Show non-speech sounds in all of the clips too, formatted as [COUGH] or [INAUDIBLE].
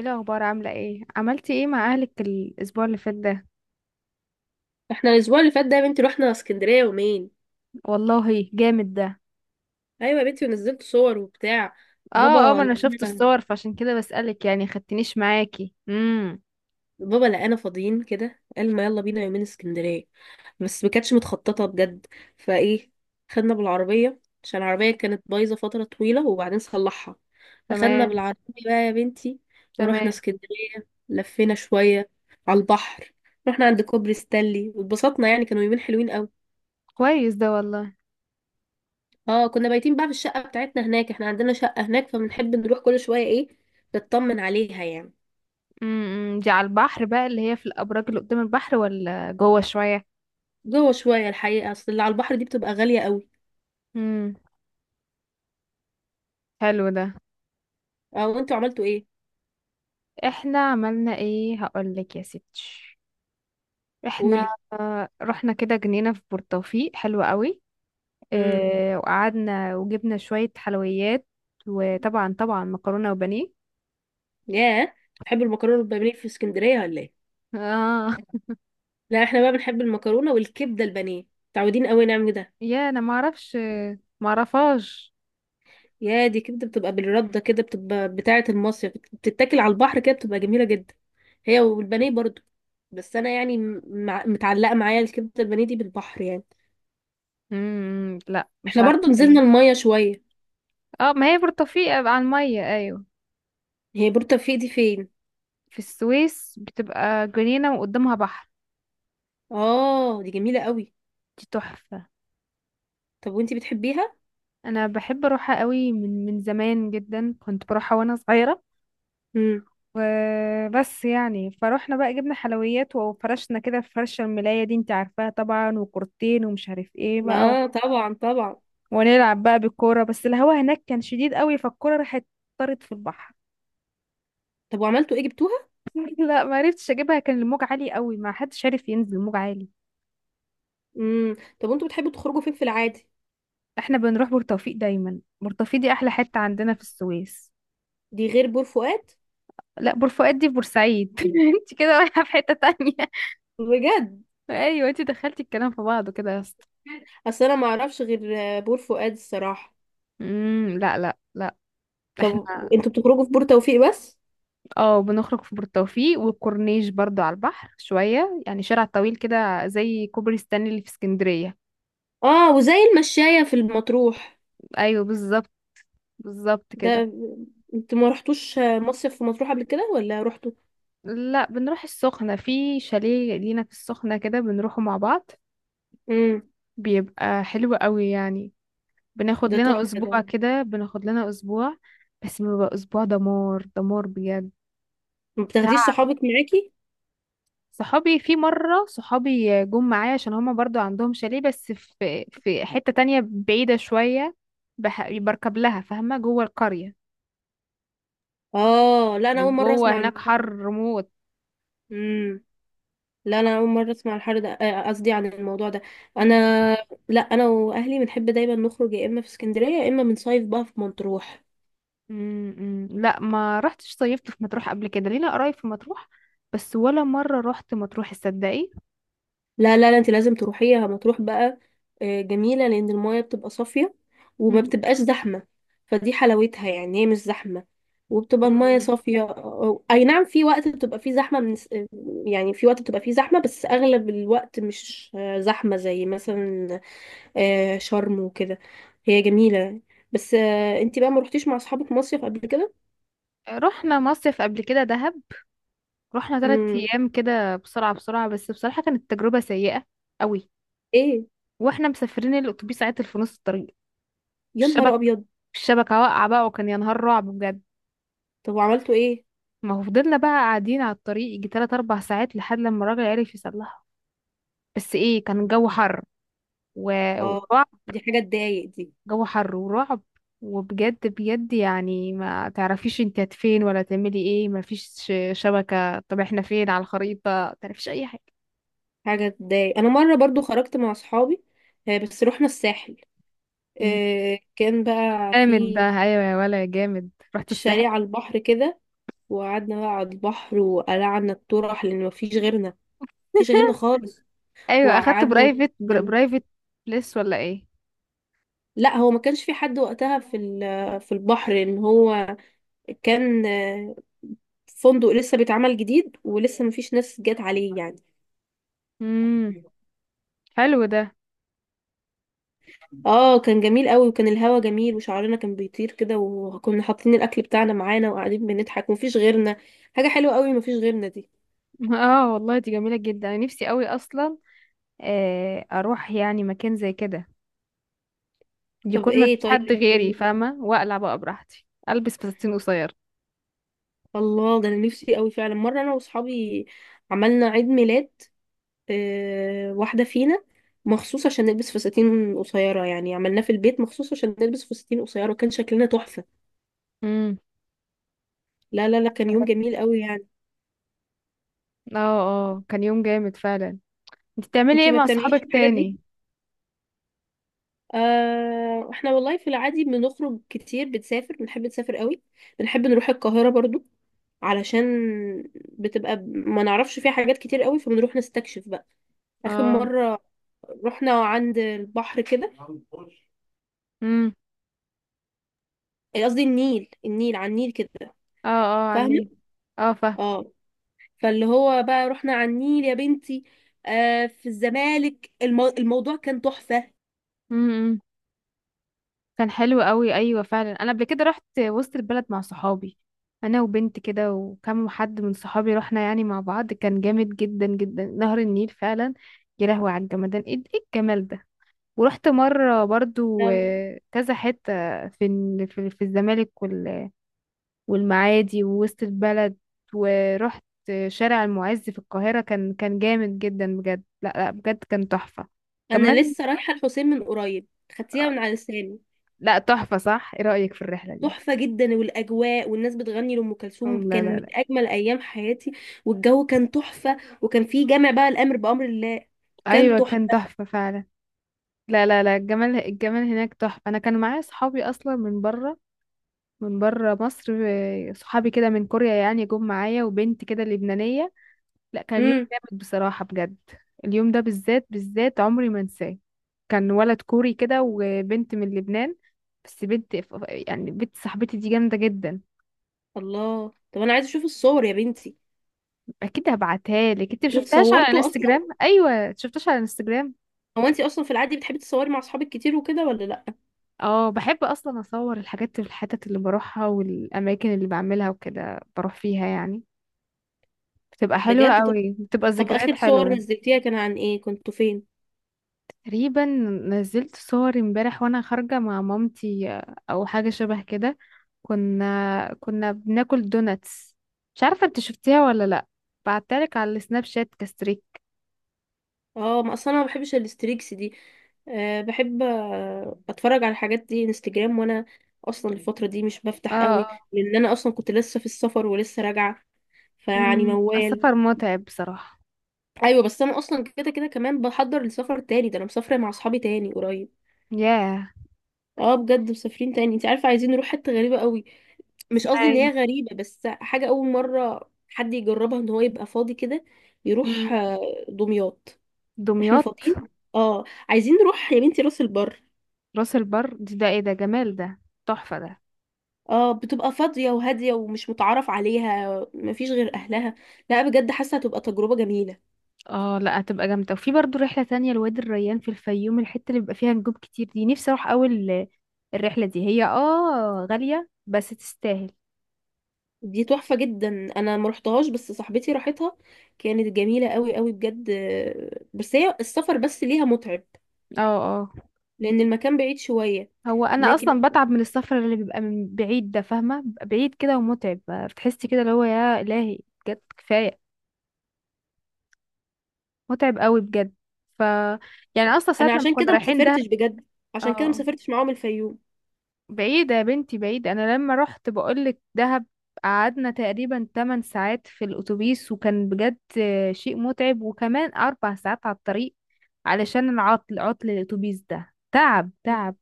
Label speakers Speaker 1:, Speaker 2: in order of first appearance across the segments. Speaker 1: ايه الاخبار؟ عامله ايه؟ عملتي ايه مع اهلك الاسبوع اللي فات ده؟
Speaker 2: احنا الاسبوع اللي فات ده يا بنتي رحنا اسكندريه يومين.
Speaker 1: والله جامد ده.
Speaker 2: ايوه يا بنتي، ونزلت صور وبتاع.
Speaker 1: اه اه،
Speaker 2: بابا
Speaker 1: ما انا شفت
Speaker 2: لقانا
Speaker 1: الصور، فعشان كده بسألك، يعني خدتنيش معاكي؟
Speaker 2: بابا لقانا فاضيين كده، قال ما يلا بينا يومين اسكندريه. بس ما كانتش متخططه بجد، فايه، خدنا بالعربيه عشان العربيه كانت بايظه فتره طويله وبعدين صلحها. اخدنا
Speaker 1: تمام،
Speaker 2: بالعربيه بقى يا بنتي
Speaker 1: تمام.
Speaker 2: ورحنا اسكندريه، لفينا
Speaker 1: مم.
Speaker 2: شويه على البحر. رحنا عند كوبري ستانلي واتبسطنا، يعني كانوا يومين حلوين قوي.
Speaker 1: كويس ده والله.
Speaker 2: اه، كنا بايتين بقى في الشقة بتاعتنا هناك. احنا عندنا شقة هناك فبنحب نروح كل شوية ايه، نطمن عليها يعني.
Speaker 1: دي على البحر بقى، اللي هي في الابراج اللي قدام البحر، ولا جوه شويه؟
Speaker 2: جوه شوية الحقيقة، اصل اللي على البحر دي بتبقى غالية قوي.
Speaker 1: امم حلو ده.
Speaker 2: اه، وانتوا عملتوا ايه؟
Speaker 1: احنا عملنا ايه؟ هقولك يا ستي. احنا
Speaker 2: قولي.
Speaker 1: رحنا كده جنينه في بورتوفيق حلوه قوي.
Speaker 2: امم
Speaker 1: وقعدنا وجبنا شوية حلويات، وطبعا طبعا مكرونة وبانيه.
Speaker 2: ياه، بتحبوا المكرونة والبانيه في اسكندرية ولا ايه؟
Speaker 1: اه.
Speaker 2: لا احنا بقى بنحب المكرونة والكبدة البانيه، متعودين قوي نعمل ده.
Speaker 1: يا انا ما اعرفش، ما اعرفهاش.
Speaker 2: يا دي كبدة بتبقى بالردة كده، بتبقى بتاعة المصيف، بتتاكل على البحر كده، بتبقى جميلة جدا. هي والبانيه برضو. بس انا يعني متعلقة معايا الكبدة البانيه دي بالبحر يعني.
Speaker 1: لا، مش
Speaker 2: احنا
Speaker 1: عارفة
Speaker 2: برضو نزلنا
Speaker 1: ايه.
Speaker 2: المية شوية.
Speaker 1: اه، ما هي برتقال على المية، ايوه.
Speaker 2: هي بور توفيق دي فين؟
Speaker 1: في السويس بتبقى جنينة وقدامها بحر.
Speaker 2: اه، دي جميلة قوي.
Speaker 1: دي تحفة.
Speaker 2: طب وانتي بتحبيها؟
Speaker 1: انا بحب اروحها قوي من زمان جدا، كنت بروحها وانا صغيرة.
Speaker 2: امم
Speaker 1: وبس يعني، فروحنا بقى جبنا حلويات وفرشنا كده في فرشة الملاية دي، انت عارفاها طبعا، وكورتين ومش عارف ايه بقى.
Speaker 2: اه طبعا طبعا.
Speaker 1: ونلعب بقى بالكورة، بس الهوا هناك كان شديد قوي، فالكورة راحت، طارت في البحر.
Speaker 2: طب وعملتوا ايه، جبتوها؟
Speaker 1: [LAUGHS] لا، ما عرفتش اجيبها، كان الموج عالي قوي، ما حدش عارف ينزل، الموج عالي.
Speaker 2: طب وانتوا بتحبوا تخرجوا فين في العادي؟
Speaker 1: احنا بنروح بورتوفيق دايما، بورتوفيق دي احلى حتة عندنا في السويس.
Speaker 2: دي غير بور فؤاد؟
Speaker 1: لا، بورفؤاد دي في بورسعيد. [LAUGHS] انت كده رايحة في حتة تانية.
Speaker 2: بجد؟
Speaker 1: [LAUGHS] ايوه، انت دخلتي الكلام في بعضه كده يا اسطى.
Speaker 2: اصل انا ما اعرفش غير بور فؤاد الصراحة.
Speaker 1: لا، لا، لا.
Speaker 2: طب
Speaker 1: احنا
Speaker 2: انتوا بتخرجوا في بور توفيق بس؟
Speaker 1: اه بنخرج في بورتوفيق والكورنيش برضو على البحر شوية، يعني شارع طويل كده زي كوبري ستانلي اللي في اسكندرية.
Speaker 2: اه، وزي المشاية في المطروح.
Speaker 1: ايوه، بالظبط. بالظبط كده.
Speaker 2: ده انتوا ما رحتوش مصيف في مطروح قبل كده ولا رحتوا؟
Speaker 1: لا، بنروح السخنة، في شاليه لينا في السخنة كده بنروحه مع بعض.
Speaker 2: امم
Speaker 1: بيبقى حلو قوي يعني. بناخد
Speaker 2: ده
Speaker 1: لنا [LAUGHS]
Speaker 2: تحفة ده.
Speaker 1: أسبوع كده، بناخد لنا أسبوع. بس بيبقى أسبوع دمار دمار بجد.
Speaker 2: ما بتاخديش
Speaker 1: تعب.
Speaker 2: صحابك معاكي؟
Speaker 1: صحابي في مرة، صحابي جم معايا عشان هما برضو عندهم شاليه، بس في حتة تانية بعيدة شوية. بركب لها فاهمة، جوه القرية.
Speaker 2: اه، لا انا اول مره
Speaker 1: جوه
Speaker 2: اسمع
Speaker 1: هناك
Speaker 2: الموضوع ده.
Speaker 1: حر موت.
Speaker 2: امم لا انا اول مره اسمع الحر ده، قصدي عن الموضوع ده انا. لا انا واهلي بنحب دايما نخرج، يا اما في اسكندريه يا اما بنصيف بقى في مطروح.
Speaker 1: لا، ما رحتش صيفت في مطروح قبل كده، لينا قرايب في مطروح. بس ولا مرة رحت مطروح، تصدقي؟
Speaker 2: لا لا لا، انت لازم تروحيها مطروح بقى. جميله لان المايه بتبقى صافيه وما
Speaker 1: مم.
Speaker 2: بتبقاش زحمه. فدي حلاوتها، يعني هي مش زحمه وبتبقى المايه
Speaker 1: مم.
Speaker 2: صافيه. اي نعم، في وقت بتبقى فيه زحمه، من يعني في وقت بتبقى فيه زحمه، بس اغلب الوقت مش زحمه زي مثلا آه شرم وكده. هي جميلة. بس آه انتي بقى ما روحتيش مع اصحابك مصيف قبل كده؟
Speaker 1: رحنا مصيف قبل كده، دهب. رحنا ثلاث
Speaker 2: امم
Speaker 1: ايام كده بسرعة بسرعة، بس بصراحة كانت تجربة سيئة قوي.
Speaker 2: ايه؟
Speaker 1: واحنا مسافرين، الاتوبيس عطل في نص الطريق.
Speaker 2: يا نهار
Speaker 1: الشبك
Speaker 2: ابيض!
Speaker 1: الشبكة واقعة بقى، وكان يا نهار رعب بجد.
Speaker 2: طب وعملتوا ايه؟
Speaker 1: ما هو فضلنا بقى قاعدين على الطريق يجي تلات أربع ساعات، لحد لما الراجل عرف يصلحها. بس ايه، كان الجو حر
Speaker 2: اه،
Speaker 1: ووقعة.
Speaker 2: دي حاجة تضايق. دي
Speaker 1: جو حر ورعب. وبجد بجد، يعني ما تعرفيش انت فين ولا تعملي ايه، ما فيش شبكة، طب احنا فين على الخريطة؟ ما تعرفيش اي حاجة.
Speaker 2: حاجة تضايق. انا مرة برضو خرجت مع اصحابي، آه بس رحنا الساحل.
Speaker 1: مم.
Speaker 2: آه، كان بقى
Speaker 1: جامد
Speaker 2: في
Speaker 1: بقى، ايوه يا ولا، يا جامد. رحت
Speaker 2: شاليه
Speaker 1: الساحل.
Speaker 2: على البحر كده، وقعدنا بقى على البحر وقلعنا الطرح لان مفيش غيرنا. مفيش غيرنا
Speaker 1: [LAUGHS]
Speaker 2: خالص.
Speaker 1: ايوه، اخدت
Speaker 2: وقعدنا.
Speaker 1: برايفت.
Speaker 2: يعني
Speaker 1: برايفت بليس ولا ايه؟
Speaker 2: لا، هو ما كانش في حد وقتها في في البحر، ان هو كان فندق لسه بيتعمل جديد ولسه مفيش ناس جت عليه يعني.
Speaker 1: امم حلو ده.
Speaker 2: اه كان جميل قوي، وكان الهوا جميل، وشعرنا كان بيطير كده، وكنا حاطين الاكل بتاعنا معانا وقاعدين بنضحك ومفيش غيرنا. حاجه حلوه قوي مفيش غيرنا دي.
Speaker 1: [LAUGHS] اه والله، دي جميلة جدا، انا نفسي قوي اصلا. اروح يعني مكان زي كده،
Speaker 2: طب
Speaker 1: يكون ما
Speaker 2: ايه،
Speaker 1: فيش
Speaker 2: طيب
Speaker 1: حد غيري
Speaker 2: انت،
Speaker 1: فاهمة، واقلع بقى براحتي، البس فساتين قصير.
Speaker 2: الله ده انا نفسي قوي فعلا. مره انا واصحابي عملنا عيد ميلاد واحده فينا مخصوص عشان نلبس فساتين قصيره. يعني عملناه في البيت مخصوص عشان نلبس فساتين قصيره، كان شكلنا تحفه.
Speaker 1: امم
Speaker 2: لا لا لا كان يوم جميل قوي يعني.
Speaker 1: اه اه، كان يوم جامد فعلا. انت بتعملي
Speaker 2: انتي
Speaker 1: ايه
Speaker 2: ما
Speaker 1: مع
Speaker 2: بتعمليش
Speaker 1: صحابك
Speaker 2: الحاجات دي؟
Speaker 1: تاني؟
Speaker 2: احنا والله في العادي بنخرج كتير، بنسافر، بنحب نسافر قوي. بنحب نروح القاهرة برضو، علشان بتبقى ما نعرفش فيها حاجات كتير قوي فبنروح نستكشف بقى. آخر
Speaker 1: اه.
Speaker 2: مرة رحنا عند البحر كده،
Speaker 1: امم
Speaker 2: إيه قصدي النيل، النيل، على النيل كده.
Speaker 1: اه اه،
Speaker 2: فاهمة؟
Speaker 1: عني. اه، فاهم.
Speaker 2: اه، فاللي هو بقى رحنا على النيل يا بنتي، آه في الزمالك. الموضوع كان تحفة.
Speaker 1: امم كان حلو قوي، ايوه فعلا. انا قبل كده رحت وسط البلد مع صحابي، انا وبنت كده، وكم حد من صحابي، رحنا يعني مع بعض، كان جامد جدا جدا نهر النيل فعلا. يا لهوي على الجمدان، ايه ايه الجمال ده! ورحت مره برضو
Speaker 2: أم-
Speaker 1: كذا حته في ال- في في الزمالك والمعادي ووسط البلد. ورحت شارع المعز في القاهرة، كان جامد جدا بجد، لا لا، بجد كان تحفة.
Speaker 2: انا
Speaker 1: كمان.
Speaker 2: لسه رايحة الحسين من قريب. خدتيها من على لساني.
Speaker 1: لا تحفة صح. ايه رأيك في الرحلة دي؟
Speaker 2: تحفة جدا، والأجواء، والناس بتغني لأم كلثوم،
Speaker 1: لا، لا،
Speaker 2: كان من
Speaker 1: لا.
Speaker 2: أجمل أيام حياتي. والجو كان تحفة، وكان فيه جامع بقى الأمر بأمر الله. كان
Speaker 1: ايوه، كان
Speaker 2: تحفة.
Speaker 1: تحفة فعلا. لا، لا، لا، الجمال الجمال هناك تحفة، انا كان معايا صحابي اصلا من بره، من بره مصر. صحابي كده من كوريا يعني، جم معايا، وبنت كده لبنانية. لا، كان يوم
Speaker 2: امم
Speaker 1: جامد بصراحة بجد. اليوم ده بالذات بالذات، عمري ما انساه. كان ولد كوري كده وبنت من لبنان. بس بنت يعني بنت صاحبتي دي جامدة جدا.
Speaker 2: الله! طب أنا عايزة أشوف الصور يا بنتي.
Speaker 1: اكيد هبعتها لك. انت ما
Speaker 2: انتوا
Speaker 1: شفتهاش على
Speaker 2: اتصورتوا أصلا؟
Speaker 1: انستجرام؟ ايوه شفتهاش على انستجرام.
Speaker 2: هو أنتي أصلا في العادي بتحبي تتصوري مع أصحابك كتير وكده ولا لأ؟
Speaker 1: اه، بحب اصلا اصور الحاجات في الحتت اللي بروحها والاماكن اللي بعملها وكده، بروح فيها يعني. بتبقى حلوة
Speaker 2: بجد؟ طب،
Speaker 1: قوي، بتبقى
Speaker 2: طب
Speaker 1: ذكريات
Speaker 2: آخر صور
Speaker 1: حلوة.
Speaker 2: نزلتيها كان عن إيه، كنتوا فين؟
Speaker 1: تقريبا، نزلت صور امبارح وانا خارجة مع مامتي، او حاجة شبه كده. كنا بناكل دوناتس. مش عارفة انت شفتيها ولا لا. بعتلك على السناب شات كستريك.
Speaker 2: اه، ما اصلا انا ما بحبش الستريكس دي. أه، بحب اتفرج على الحاجات دي انستجرام. وانا اصلا الفتره دي مش
Speaker 1: اه
Speaker 2: بفتح قوي،
Speaker 1: اه.
Speaker 2: لان انا اصلا كنت لسه في السفر ولسه راجعه، فيعني موال.
Speaker 1: السفر متعب بصراحة.
Speaker 2: ايوه، بس انا اصلا كده كده كمان بحضر لسفر تاني. ده انا مسافره مع اصحابي تاني قريب.
Speaker 1: ياه.
Speaker 2: اه بجد، مسافرين تاني. انت عارفه، عايزين نروح حته غريبه قوي. مش قصدي ان هي
Speaker 1: اسمعي.
Speaker 2: غريبه، بس حاجه اول مره حد يجربها، ان هو يبقى فاضي كده
Speaker 1: أمم،
Speaker 2: يروح دمياط. احنا
Speaker 1: دمياط.
Speaker 2: فاضيين، اه عايزين نروح يا بنتي راس البر.
Speaker 1: راس البر دي، ده ايه ده جمال ده! تحفة ده.
Speaker 2: اه بتبقى فاضية وهادية ومش متعرف عليها، مفيش غير أهلها. لا بجد حاسة هتبقى تجربة جميلة.
Speaker 1: اه لا، هتبقى جامدة، وفي برضو رحلة تانية لوادي الريان في الفيوم، الحتة اللي بيبقى فيها نجوم كتير، دي نفسي اروح اول. الرحلة دي هي غالية بس تستاهل.
Speaker 2: دي تحفة جدا. أنا مرحتهاش بس صاحبتي راحتها، كانت جميلة قوي قوي بجد. بس هي السفر بس ليها متعب،
Speaker 1: اه اه.
Speaker 2: لأن المكان بعيد شوية.
Speaker 1: هو انا
Speaker 2: لكن
Speaker 1: اصلا بتعب من السفر اللي بيبقى من بعيد ده، فاهمة؟ بيبقى بعيد كده ومتعب. بتحسي كده اللي هو، يا الهي. بجد كفاية. متعب قوي بجد. ف يعني اصلا ساعة
Speaker 2: أنا
Speaker 1: لما
Speaker 2: عشان كده
Speaker 1: كنا
Speaker 2: ما
Speaker 1: رايحين دهب.
Speaker 2: سافرتش بجد، عشان كده ما
Speaker 1: اه.
Speaker 2: سافرتش معاهم الفيوم.
Speaker 1: بعيدة يا بنتي، بعيدة، أنا لما رحت بقولك دهب، قعدنا تقريبا 8 ساعات في الأتوبيس، وكان بجد شيء متعب، وكمان 4 ساعات على الطريق علشان العطل، عطل الأتوبيس، ده تعب تعب.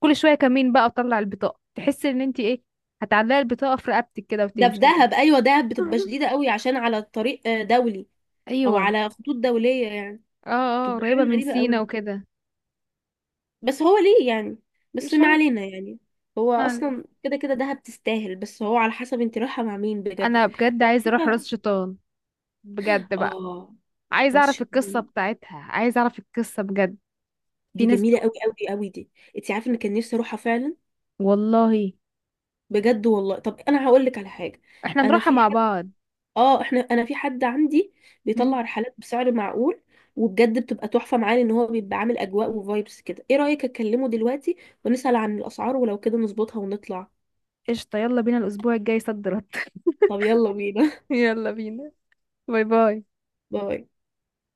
Speaker 1: كل شوية كمين بقى وطلع البطاقة، تحسي إن انتي ايه، هتعلقي البطاقة في رقبتك كده
Speaker 2: ده في
Speaker 1: وتمشي بيها.
Speaker 2: دهب؟ أيوة دهب بتبقى
Speaker 1: [LAUGHS]
Speaker 2: شديدة قوي، عشان على طريق دولي، أو
Speaker 1: أيوة.
Speaker 2: على خطوط دولية يعني.
Speaker 1: اه اه،
Speaker 2: بتبقى
Speaker 1: قريبة
Speaker 2: حاجة
Speaker 1: من
Speaker 2: غريبة
Speaker 1: سينا
Speaker 2: قوي.
Speaker 1: وكده.
Speaker 2: بس هو ليه يعني؟ بس
Speaker 1: مش
Speaker 2: ما
Speaker 1: عارف.
Speaker 2: علينا يعني. هو
Speaker 1: ما علينا.
Speaker 2: اصلا كده كده دهب تستاهل، بس هو على حسب انت رايحه مع مين بجد.
Speaker 1: أنا بجد عايزة أروح
Speaker 2: مكتبة.
Speaker 1: راس شيطان. بجد بقى.
Speaker 2: اه
Speaker 1: عايزة
Speaker 2: راس
Speaker 1: أعرف القصة
Speaker 2: شيطان،
Speaker 1: بتاعتها، عايزة أعرف القصة بجد. في
Speaker 2: دي
Speaker 1: ناس.
Speaker 2: جميله قوي قوي قوي دي. انت عارفه ان كان نفسي اروحها فعلا؟
Speaker 1: والله.
Speaker 2: بجد والله. طب انا هقول لك على حاجه.
Speaker 1: احنا
Speaker 2: انا
Speaker 1: نروحها
Speaker 2: في
Speaker 1: مع
Speaker 2: حد،
Speaker 1: بعض.
Speaker 2: اه احنا، انا في حد عندي
Speaker 1: مم.
Speaker 2: بيطلع رحلات بسعر معقول. وبجد بتبقى تحفه معاه، لان هو بيبقى عامل اجواء وفايبس كده. ايه رايك اكلمه دلوقتي ونسال عن الاسعار، ولو كده نظبطها ونطلع؟
Speaker 1: قشطة، يلا بينا الأسبوع الجاي، صد رد.
Speaker 2: طب يلا بينا.
Speaker 1: [LAUGHS] يلا بينا. باي باي.
Speaker 2: [LAUGHS] باي.